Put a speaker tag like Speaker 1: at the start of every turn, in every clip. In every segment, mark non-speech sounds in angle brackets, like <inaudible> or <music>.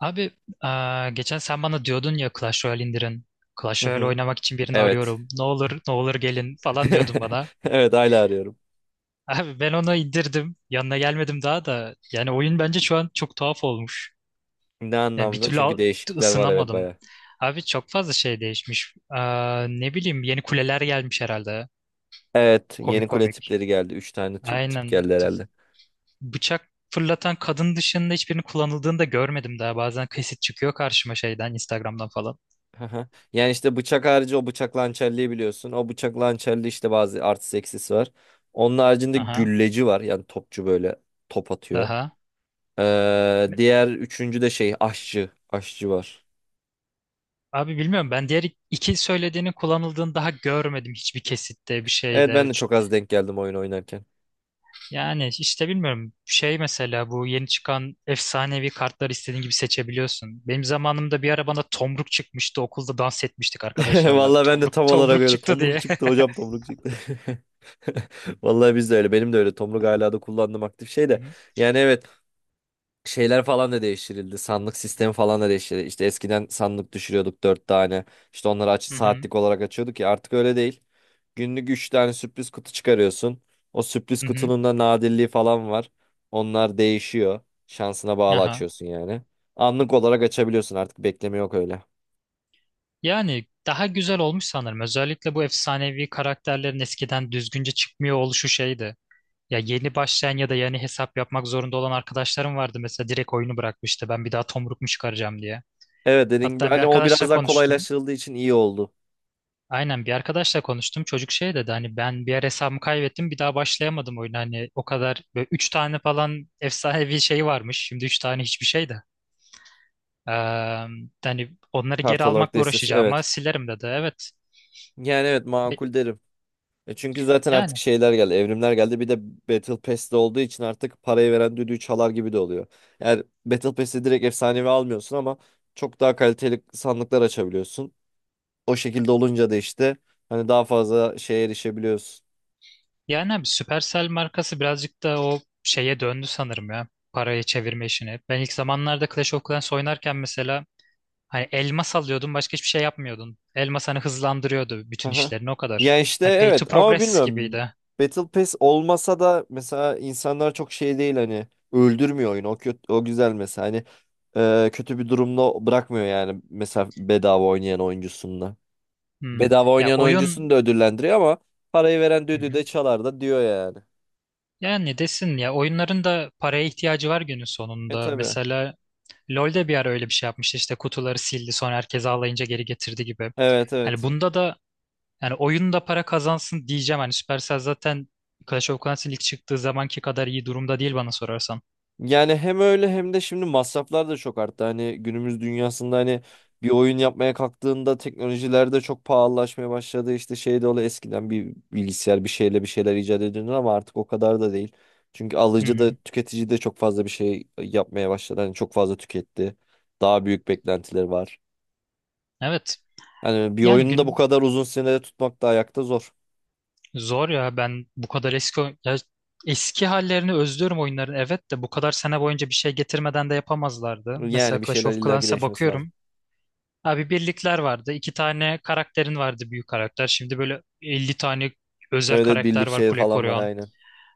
Speaker 1: Abi, geçen sen bana diyordun ya Clash Royale indirin.
Speaker 2: Hı
Speaker 1: Clash Royale
Speaker 2: hı.
Speaker 1: oynamak için birini
Speaker 2: Evet.
Speaker 1: arıyorum. Ne olur ne olur gelin falan diyordun
Speaker 2: <laughs>
Speaker 1: bana.
Speaker 2: Evet hala arıyorum.
Speaker 1: <laughs> Abi ben onu indirdim. Yanına gelmedim daha da. Yani oyun bence şu an çok tuhaf olmuş.
Speaker 2: Ne
Speaker 1: Yani bir
Speaker 2: anlamda?
Speaker 1: türlü
Speaker 2: Çünkü değişiklikler var, evet,
Speaker 1: ısınamadım.
Speaker 2: baya.
Speaker 1: Abi çok fazla şey değişmiş. Ne bileyim, yeni kuleler gelmiş herhalde.
Speaker 2: Evet,
Speaker 1: Komik
Speaker 2: yeni kule
Speaker 1: komik.
Speaker 2: tipleri geldi. Üç tane tip
Speaker 1: Aynen.
Speaker 2: geldi herhalde.
Speaker 1: Bıçak fırlatan kadın dışında hiçbirini kullanıldığını da görmedim daha. Bazen kesit çıkıyor karşıma şeyden Instagram'dan falan.
Speaker 2: Hı. Yani işte bıçak harici o bıçak hançerliği biliyorsun. O bıçak hançerliği işte bazı artı eksisi var. Onun haricinde
Speaker 1: Aha.
Speaker 2: gülleci var. Yani topçu böyle top atıyor.
Speaker 1: Aha.
Speaker 2: Diğer üçüncü de şey aşçı. Aşçı var.
Speaker 1: Abi bilmiyorum, ben diğer iki söylediğinin kullanıldığını daha görmedim hiçbir kesitte bir şeyde.
Speaker 2: Evet, ben de çok az denk geldim oyun oynarken.
Speaker 1: Yani işte bilmiyorum şey mesela bu yeni çıkan efsanevi kartları istediğin gibi seçebiliyorsun. Benim zamanımda bir ara bana tomruk çıkmıştı, okulda dans etmiştik
Speaker 2: <laughs>
Speaker 1: arkadaşlarla.
Speaker 2: Vallahi ben de
Speaker 1: Tomruk,
Speaker 2: tam olarak
Speaker 1: tomruk
Speaker 2: öyle.
Speaker 1: çıktı diye.
Speaker 2: Tomruk çıktı hocam, tomruk çıktı. <laughs> Vallahi biz de öyle. Benim de öyle. Tomruk hala da kullandığım aktif şey
Speaker 1: <laughs> Hı
Speaker 2: de.
Speaker 1: hı.
Speaker 2: Yani evet, şeyler falan da değiştirildi. Sandık sistemi falan da değiştirildi. İşte eskiden sandık düşürüyorduk dört tane. İşte onları aç
Speaker 1: Hı hı.
Speaker 2: saatlik olarak açıyorduk ya, artık öyle değil. Günlük üç tane sürpriz kutu çıkarıyorsun. O sürpriz
Speaker 1: Hı hı.
Speaker 2: kutunun da nadirliği falan var. Onlar değişiyor. Şansına bağlı
Speaker 1: Aha.
Speaker 2: açıyorsun yani. Anlık olarak açabiliyorsun, artık bekleme yok öyle.
Speaker 1: Yani daha güzel olmuş sanırım. Özellikle bu efsanevi karakterlerin eskiden düzgünce çıkmıyor oluşu şeydi. Ya yeni başlayan ya da yani hesap yapmak zorunda olan arkadaşlarım vardı, mesela direkt oyunu bırakmıştı ben bir daha tomruk mu çıkaracağım diye.
Speaker 2: Evet, dediğim gibi
Speaker 1: Hatta bir
Speaker 2: hani o
Speaker 1: arkadaşla
Speaker 2: biraz daha
Speaker 1: konuştum.
Speaker 2: kolaylaştırıldığı için iyi oldu.
Speaker 1: Aynen, bir arkadaşla konuştum. Çocuk şey dedi hani ben bir ara hesabımı kaybettim bir daha başlayamadım oyuna. Hani o kadar böyle 3 tane falan efsanevi şey varmış. Şimdi 3 tane hiçbir şey de. Ee, Hani onları geri
Speaker 2: Kart olarak
Speaker 1: almakla
Speaker 2: destesi
Speaker 1: uğraşacağım ama
Speaker 2: evet.
Speaker 1: silerim dedi. Evet.
Speaker 2: Yani evet,
Speaker 1: Be-
Speaker 2: makul derim. E çünkü zaten artık
Speaker 1: Yani
Speaker 2: şeyler geldi, evrimler geldi. Bir de Battle Pass'te olduğu için artık parayı veren düdüğü çalar gibi de oluyor. Yani Battle Pass'te direkt efsanevi almıyorsun ama çok daha kaliteli sandıklar açabiliyorsun. O şekilde olunca da işte hani daha fazla şeye erişebiliyorsun.
Speaker 1: Yani abi, Supercell markası birazcık da o şeye döndü sanırım ya. Parayı çevirme işini. Ben ilk zamanlarda Clash of Clans oynarken mesela hani elmas alıyordun başka hiçbir şey yapmıyordun. Elmas hani hızlandırıyordu bütün
Speaker 2: Aha.
Speaker 1: işlerini o
Speaker 2: Ya
Speaker 1: kadar.
Speaker 2: işte
Speaker 1: Hani pay
Speaker 2: evet,
Speaker 1: to
Speaker 2: ama
Speaker 1: progress
Speaker 2: bilmiyorum.
Speaker 1: gibiydi.
Speaker 2: Battle Pass olmasa da mesela insanlar çok şey değil, hani öldürmüyor oyunu. O kötü, o güzel mesela. Hani kötü bir durumda bırakmıyor yani mesela bedava oynayan oyuncusunda.
Speaker 1: Hmm.
Speaker 2: Bedava
Speaker 1: Ya
Speaker 2: oynayan oyuncusunu
Speaker 1: oyun
Speaker 2: da ödüllendiriyor ama parayı veren
Speaker 1: Hı
Speaker 2: düdüğü
Speaker 1: hı.
Speaker 2: de çalar da diyor yani.
Speaker 1: Yani desin ya, oyunların da paraya ihtiyacı var günün
Speaker 2: E
Speaker 1: sonunda.
Speaker 2: tabii.
Speaker 1: Mesela LoL'de bir ara öyle bir şey yapmıştı, işte kutuları sildi sonra herkes ağlayınca geri getirdi gibi.
Speaker 2: Evet,
Speaker 1: Hani
Speaker 2: evet.
Speaker 1: bunda da Yani oyunda para kazansın diyeceğim. Hani Supercell zaten Clash of Clans'in ilk çıktığı zamanki kadar iyi durumda değil bana sorarsan.
Speaker 2: Yani hem öyle hem de şimdi masraflar da çok arttı. Hani günümüz dünyasında hani bir oyun yapmaya kalktığında teknolojiler de çok pahalılaşmaya başladı. İşte şey de oluyor, eskiden bir bilgisayar bir şeyle bir şeyler icat ediyordu ama artık o kadar da değil. Çünkü
Speaker 1: Hı
Speaker 2: alıcı da
Speaker 1: hı.
Speaker 2: tüketici de çok fazla bir şey yapmaya başladı. Hani çok fazla tüketti. Daha büyük beklentileri var.
Speaker 1: Evet.
Speaker 2: Hani bir
Speaker 1: Yani
Speaker 2: oyunu da bu
Speaker 1: gün
Speaker 2: kadar uzun sürede tutmak da ayakta zor.
Speaker 1: zor ya. Ben bu kadar eski ya eski hallerini özlüyorum oyunların. Evet de bu kadar sene boyunca bir şey getirmeden de yapamazlardı.
Speaker 2: Yani
Speaker 1: Mesela
Speaker 2: bir
Speaker 1: Clash
Speaker 2: şeyler
Speaker 1: of
Speaker 2: illaki
Speaker 1: Clans'a
Speaker 2: değişmesi lazım.
Speaker 1: bakıyorum. Abi birlikler vardı. İki tane karakterin vardı, büyük karakter. Şimdi böyle 50 tane özel
Speaker 2: Evet, evet,
Speaker 1: karakter
Speaker 2: birlik
Speaker 1: var
Speaker 2: şey
Speaker 1: kule
Speaker 2: falan var,
Speaker 1: koruyan.
Speaker 2: aynen.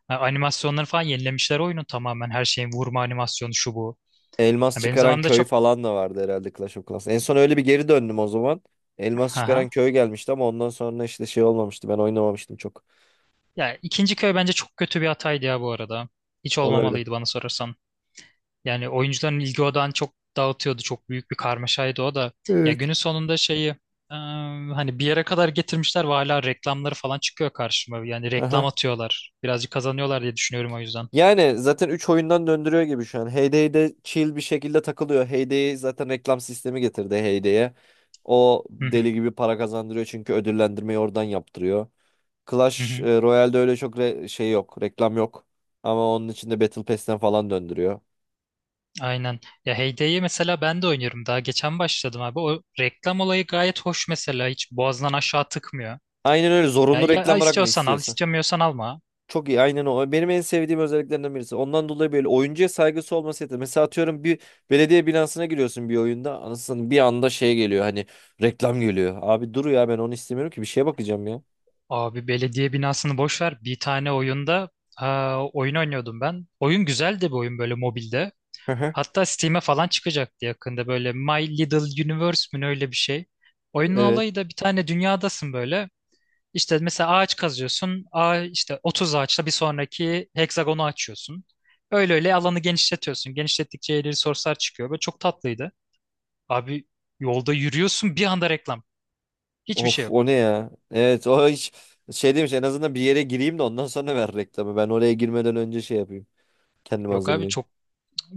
Speaker 1: Ha, animasyonları falan yenilemişler oyunu tamamen. Her şeyin vurma animasyonu şu bu.
Speaker 2: Elmas
Speaker 1: Ya, benim
Speaker 2: çıkaran
Speaker 1: zamanımda
Speaker 2: köy
Speaker 1: çok...
Speaker 2: falan da vardı herhalde Clash of Clans. En son öyle bir geri döndüm o zaman. Elmas
Speaker 1: Aha.
Speaker 2: çıkaran köy gelmişti ama ondan sonra işte şey olmamıştı. Ben oynamamıştım çok.
Speaker 1: Ya ikinci köy bence çok kötü bir hataydı ya bu arada. Hiç
Speaker 2: Olabilir.
Speaker 1: olmamalıydı bana sorarsan. Yani oyuncuların ilgi odağını çok dağıtıyordu. Çok büyük bir karmaşaydı o da. Ya
Speaker 2: Evet.
Speaker 1: günün sonunda şeyi hani bir yere kadar getirmişler ve hala reklamları falan çıkıyor karşıma. Yani reklam
Speaker 2: Aha.
Speaker 1: atıyorlar. Birazcık kazanıyorlar diye düşünüyorum o yüzden.
Speaker 2: Yani zaten 3 oyundan döndürüyor gibi şu an. Heyday'de chill bir şekilde takılıyor. Heyday zaten reklam sistemi getirdi Heyday'e. O
Speaker 1: Hı hı.
Speaker 2: deli gibi para kazandırıyor çünkü ödüllendirmeyi oradan yaptırıyor.
Speaker 1: Hı
Speaker 2: Clash
Speaker 1: hı.
Speaker 2: Royale'de öyle çok şey yok, reklam yok. Ama onun içinde Battle Pass'ten falan döndürüyor.
Speaker 1: Aynen. Ya Heyde'yi mesela ben de oynuyorum. Daha geçen başladım abi. O reklam olayı gayet hoş mesela. Hiç boğazdan aşağı tıkmıyor.
Speaker 2: Aynen, öyle
Speaker 1: Ya,
Speaker 2: zorunlu
Speaker 1: ya
Speaker 2: reklam bırakmıyor
Speaker 1: istiyorsan al,
Speaker 2: istiyorsan.
Speaker 1: istemiyorsan alma.
Speaker 2: Çok iyi, aynen o. Benim en sevdiğim özelliklerinden birisi. Ondan dolayı böyle oyuncuya saygısı olması yeter. Mesela atıyorum bir belediye binasına giriyorsun bir oyunda. Anasını, bir anda şey geliyor hani reklam geliyor. Abi dur ya, ben onu istemiyorum ki, bir şeye bakacağım ya.
Speaker 1: Abi belediye binasını boş ver. Bir tane oyunda, ha, oyun oynuyordum ben. Oyun güzeldi, bir oyun böyle mobilde.
Speaker 2: Hı hı.
Speaker 1: Hatta Steam'e falan çıkacaktı yakında, böyle My Little Universe mi ne, öyle bir şey. Oyunun
Speaker 2: Evet.
Speaker 1: olayı da bir tane dünyadasın böyle. İşte mesela ağaç kazıyorsun. İşte 30 ağaçla bir sonraki heksagonu açıyorsun. Öyle öyle alanı genişletiyorsun. Genişlettikçe yeni resource'lar çıkıyor. Böyle çok tatlıydı. Abi yolda yürüyorsun, bir anda reklam. Hiçbir şey
Speaker 2: Of,
Speaker 1: yok.
Speaker 2: o ne ya? Evet, o hiç şey demiş, en azından bir yere gireyim de ondan sonra ver reklamı. Ben oraya girmeden önce şey yapayım. Kendimi
Speaker 1: Yok abi.
Speaker 2: hazırlayayım.
Speaker 1: çok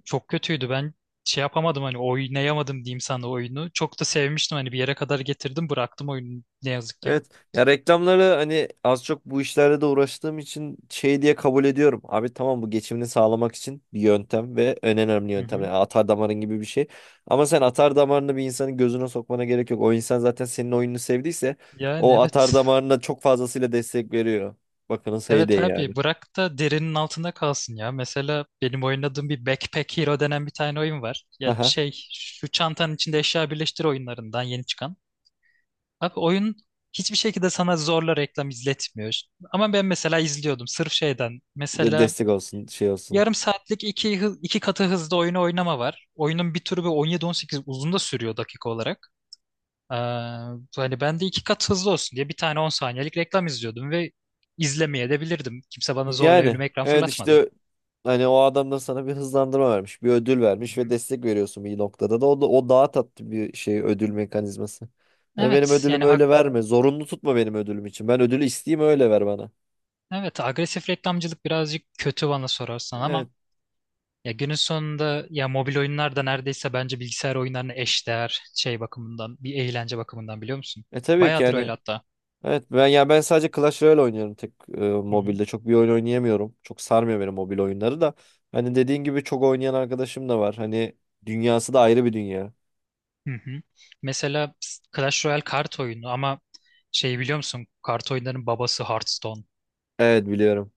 Speaker 1: Çok kötüydü. Ben şey yapamadım, hani oynayamadım diyeyim sana oyunu. Çok da sevmiştim, hani bir yere kadar getirdim bıraktım oyunu ne yazık ki.
Speaker 2: Evet. Ya reklamları hani az çok bu işlerle de uğraştığım için şey diye kabul ediyorum. Abi tamam, bu geçimini sağlamak için bir yöntem ve en önemli
Speaker 1: Hı
Speaker 2: yöntem.
Speaker 1: hı.
Speaker 2: Yani atar damarın gibi bir şey. Ama sen atar damarını bir insanın gözüne sokmana gerek yok. O insan zaten senin oyununu sevdiyse
Speaker 1: Yani
Speaker 2: o
Speaker 1: evet.
Speaker 2: atar damarına çok fazlasıyla destek veriyor. Bakınız hey de
Speaker 1: Evet
Speaker 2: yani.
Speaker 1: abi bırak da derinin altında kalsın ya. Mesela benim oynadığım bir Backpack Hero denen bir tane oyun var. Ya
Speaker 2: Haha.
Speaker 1: şey şu çantanın içinde eşya birleştir oyunlarından yeni çıkan. Abi oyun hiçbir şekilde sana zorla reklam izletmiyor. Ama ben mesela izliyordum sırf şeyden. Mesela
Speaker 2: Destek olsun, şey olsun.
Speaker 1: yarım saatlik iki katı hızda oyunu oynama var. Oyunun bir türü bir 17-18 uzun da sürüyor dakika olarak. Ee, Hani ben de iki kat hızlı olsun diye bir tane 10 saniyelik reklam izliyordum ve izlemeye de bilirdim. Kimse bana zorla
Speaker 2: Yani
Speaker 1: önüme ekran
Speaker 2: evet
Speaker 1: fırlatmadı.
Speaker 2: işte hani o adam da sana bir hızlandırma vermiş, bir ödül
Speaker 1: Hı
Speaker 2: vermiş ve
Speaker 1: hı.
Speaker 2: destek veriyorsun bir noktada da o, da, o daha tatlı bir şey ödül mekanizması. Hani benim
Speaker 1: Evet
Speaker 2: ödülümü
Speaker 1: yani
Speaker 2: öyle verme, zorunlu tutma benim ödülüm için. Ben ödülü isteyeyim, öyle ver bana.
Speaker 1: evet, agresif reklamcılık birazcık kötü bana sorarsan,
Speaker 2: Evet.
Speaker 1: ama ya günün sonunda ya, mobil oyunlar da neredeyse bence bilgisayar oyunlarına eşdeğer şey bakımından, bir eğlence bakımından, biliyor musun?
Speaker 2: E tabii ki
Speaker 1: Bayağıdır öyle
Speaker 2: yani
Speaker 1: hatta.
Speaker 2: evet, ben yani ben sadece Clash Royale oynuyorum tek
Speaker 1: Hı hı.
Speaker 2: mobilde. Çok bir oyun oynayamıyorum. Çok sarmıyor beni mobil oyunları da. Hani dediğin gibi çok oynayan arkadaşım da var. Hani dünyası da ayrı bir dünya.
Speaker 1: Hı hı. Mesela Clash Royale kart oyunu ama şey biliyor musun? Kart oyunlarının babası Hearthstone.
Speaker 2: Evet, biliyorum.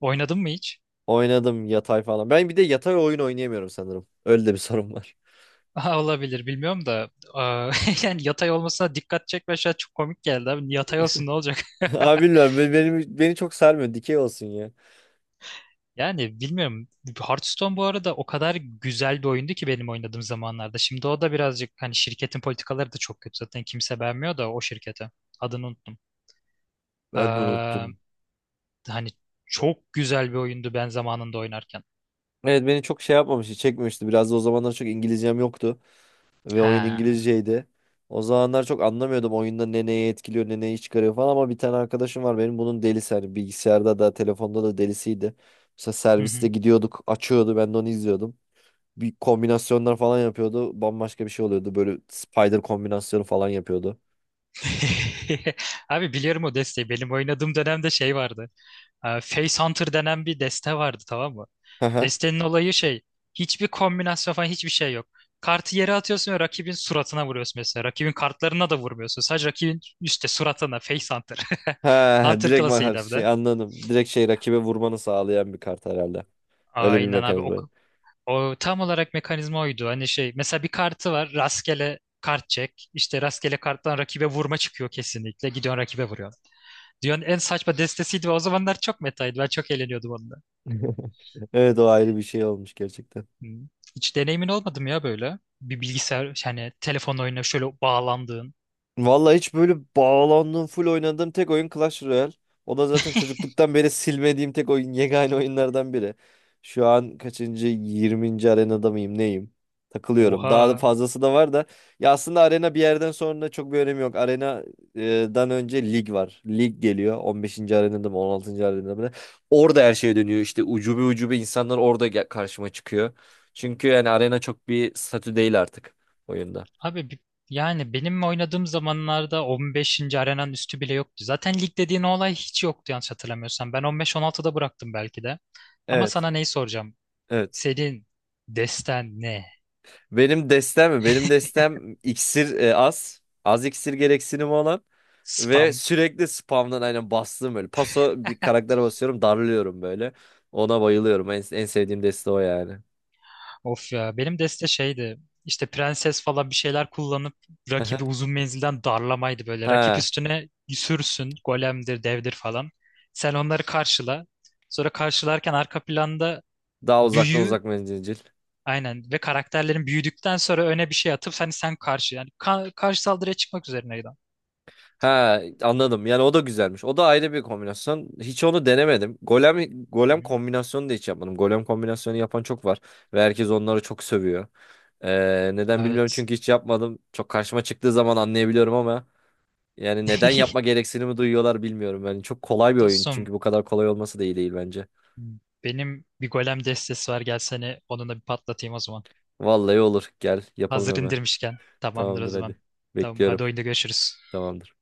Speaker 1: Oynadın mı hiç?
Speaker 2: Oynadım yatay falan. Ben bir de yatay oyun oynayamıyorum sanırım. Öyle de bir sorun var.
Speaker 1: <laughs> Aha, olabilir, bilmiyorum da <laughs> yani yatay olmasına dikkat çekme, şey çok komik geldi abi. Yatay olsun ne olacak?
Speaker 2: <laughs>
Speaker 1: <laughs>
Speaker 2: Abi bilmiyorum. Benim, beni çok sarmıyor. Dikey olsun ya.
Speaker 1: Yani bilmiyorum. Hearthstone bu arada o kadar güzel bir oyundu ki benim oynadığım zamanlarda. Şimdi o da birazcık, hani şirketin politikaları da çok kötü. Zaten kimse beğenmiyor da o şirkete. Adını unuttum.
Speaker 2: Ben de
Speaker 1: Ee,
Speaker 2: unuttum.
Speaker 1: Hani çok güzel bir oyundu ben zamanında oynarken.
Speaker 2: Evet, beni çok şey yapmamıştı. Çekmemişti. Biraz da o zamanlar çok İngilizcem yoktu. Ve oyun
Speaker 1: Ha.
Speaker 2: İngilizceydi. O zamanlar çok anlamıyordum oyunda ne neyi etkiliyor ne neyi çıkarıyor falan ama bir tane arkadaşım var benim bunun delisi, hani bilgisayarda da telefonda da delisiydi. Mesela
Speaker 1: Hı
Speaker 2: serviste
Speaker 1: hı.
Speaker 2: gidiyorduk açıyordu, ben de onu izliyordum. Bir kombinasyonlar falan yapıyordu, bambaşka bir şey oluyordu, böyle spider kombinasyonu falan yapıyordu.
Speaker 1: <laughs> Abi biliyorum o desteği. Benim oynadığım dönemde şey vardı. Face Hunter denen bir deste vardı, tamam mı?
Speaker 2: <laughs>
Speaker 1: Destenin olayı şey. Hiçbir kombinasyon falan, hiçbir şey yok. Kartı yere atıyorsun ve rakibin suratına vuruyorsun mesela. Rakibin kartlarına da vurmuyorsun. Sadece rakibin üstte suratına. Face Hunter. <laughs>
Speaker 2: Ha,
Speaker 1: Hunter
Speaker 2: direkt makar
Speaker 1: klasıydı hem
Speaker 2: şey
Speaker 1: de.
Speaker 2: anladım. Direkt şey rakibe vurmanı sağlayan bir kart herhalde. Öyle bir
Speaker 1: Aynen abi. O,
Speaker 2: mekanizma.
Speaker 1: o tam olarak mekanizma oydu. Hani şey mesela bir kartı var. Rastgele kart çek. İşte rastgele karttan rakibe vurma çıkıyor kesinlikle. Gidiyorsun, rakibe vuruyor. Dünyanın en saçma destesiydi ve o zamanlar çok metaydı. Ben çok eğleniyordum onunla.
Speaker 2: <laughs> Evet, o ayrı bir şey olmuş gerçekten.
Speaker 1: Hı. Hiç deneyimin olmadı mı ya böyle? Bir bilgisayar, yani telefon oyuna şöyle bağlandığın.
Speaker 2: Vallahi hiç böyle bağlandığım, full oynadığım tek oyun Clash Royale. O da zaten çocukluktan beri silmediğim tek oyun, yegane oyunlardan biri. Şu an kaçıncı, 20. arenada mıyım, neyim? Takılıyorum. Daha da
Speaker 1: Oha.
Speaker 2: fazlası da var da. Ya aslında arena bir yerden sonra çok bir önemi yok. Arenadan önce lig var. Lig geliyor. 15. arenada mı, 16. arenada mı? Orada her şey dönüyor. İşte ucube ucube insanlar orada karşıma çıkıyor. Çünkü yani arena çok bir statü değil artık oyunda.
Speaker 1: Abi yani benim oynadığım zamanlarda 15. arenanın üstü bile yoktu. Zaten lig dediğin olay hiç yoktu yanlış hatırlamıyorsam. Ben 15-16'da bıraktım belki de. Ama
Speaker 2: Evet.
Speaker 1: sana neyi soracağım?
Speaker 2: Evet.
Speaker 1: Senin desten ne?
Speaker 2: Benim destem mi? Benim destem iksir az. Az iksir gereksinimi olan. Ve
Speaker 1: Spam.
Speaker 2: sürekli spamdan aynen bastığım böyle. Paso bir karaktere basıyorum, darlıyorum böyle. Ona bayılıyorum. En, en sevdiğim deste o yani.
Speaker 1: Of ya, benim deste şeydi, işte prenses falan bir şeyler kullanıp rakibi
Speaker 2: <laughs>
Speaker 1: uzun menzilden darlamaydı böyle. Rakip
Speaker 2: Ha,
Speaker 1: üstüne sürsün, golemdir devdir falan. Sen onları karşıla. Sonra karşılarken arka planda
Speaker 2: daha uzaktan,
Speaker 1: büyü,
Speaker 2: uzak menzilcil.
Speaker 1: aynen, ve karakterlerin büyüdükten sonra öne bir şey atıp, hani sen karşı yani karşı saldırıya çıkmak üzerineydi.
Speaker 2: Ha, anladım. Yani o da güzelmiş. O da ayrı bir kombinasyon. Hiç onu denemedim. Golem
Speaker 1: Hı
Speaker 2: golem
Speaker 1: hı.
Speaker 2: kombinasyonu da hiç yapmadım. Golem kombinasyonu yapan çok var ve herkes onları çok sövüyor. Neden bilmiyorum
Speaker 1: Evet.
Speaker 2: çünkü hiç yapmadım. Çok karşıma çıktığı zaman anlayabiliyorum ama yani neden yapma
Speaker 1: <laughs>
Speaker 2: gereksinimi duyuyorlar bilmiyorum. Yani çok kolay bir oyun.
Speaker 1: Dostum,
Speaker 2: Çünkü bu kadar kolay olması da iyi değil bence.
Speaker 1: benim bir golem destesi var, gel seni onunla bir patlatayım o zaman.
Speaker 2: Vallahi olur. Gel yapalım
Speaker 1: Hazır
Speaker 2: hemen.
Speaker 1: indirmişken. Tamamdır o
Speaker 2: Tamamdır
Speaker 1: zaman.
Speaker 2: hadi.
Speaker 1: Tamam hadi,
Speaker 2: Bekliyorum.
Speaker 1: oyunda görüşürüz.
Speaker 2: Tamamdır.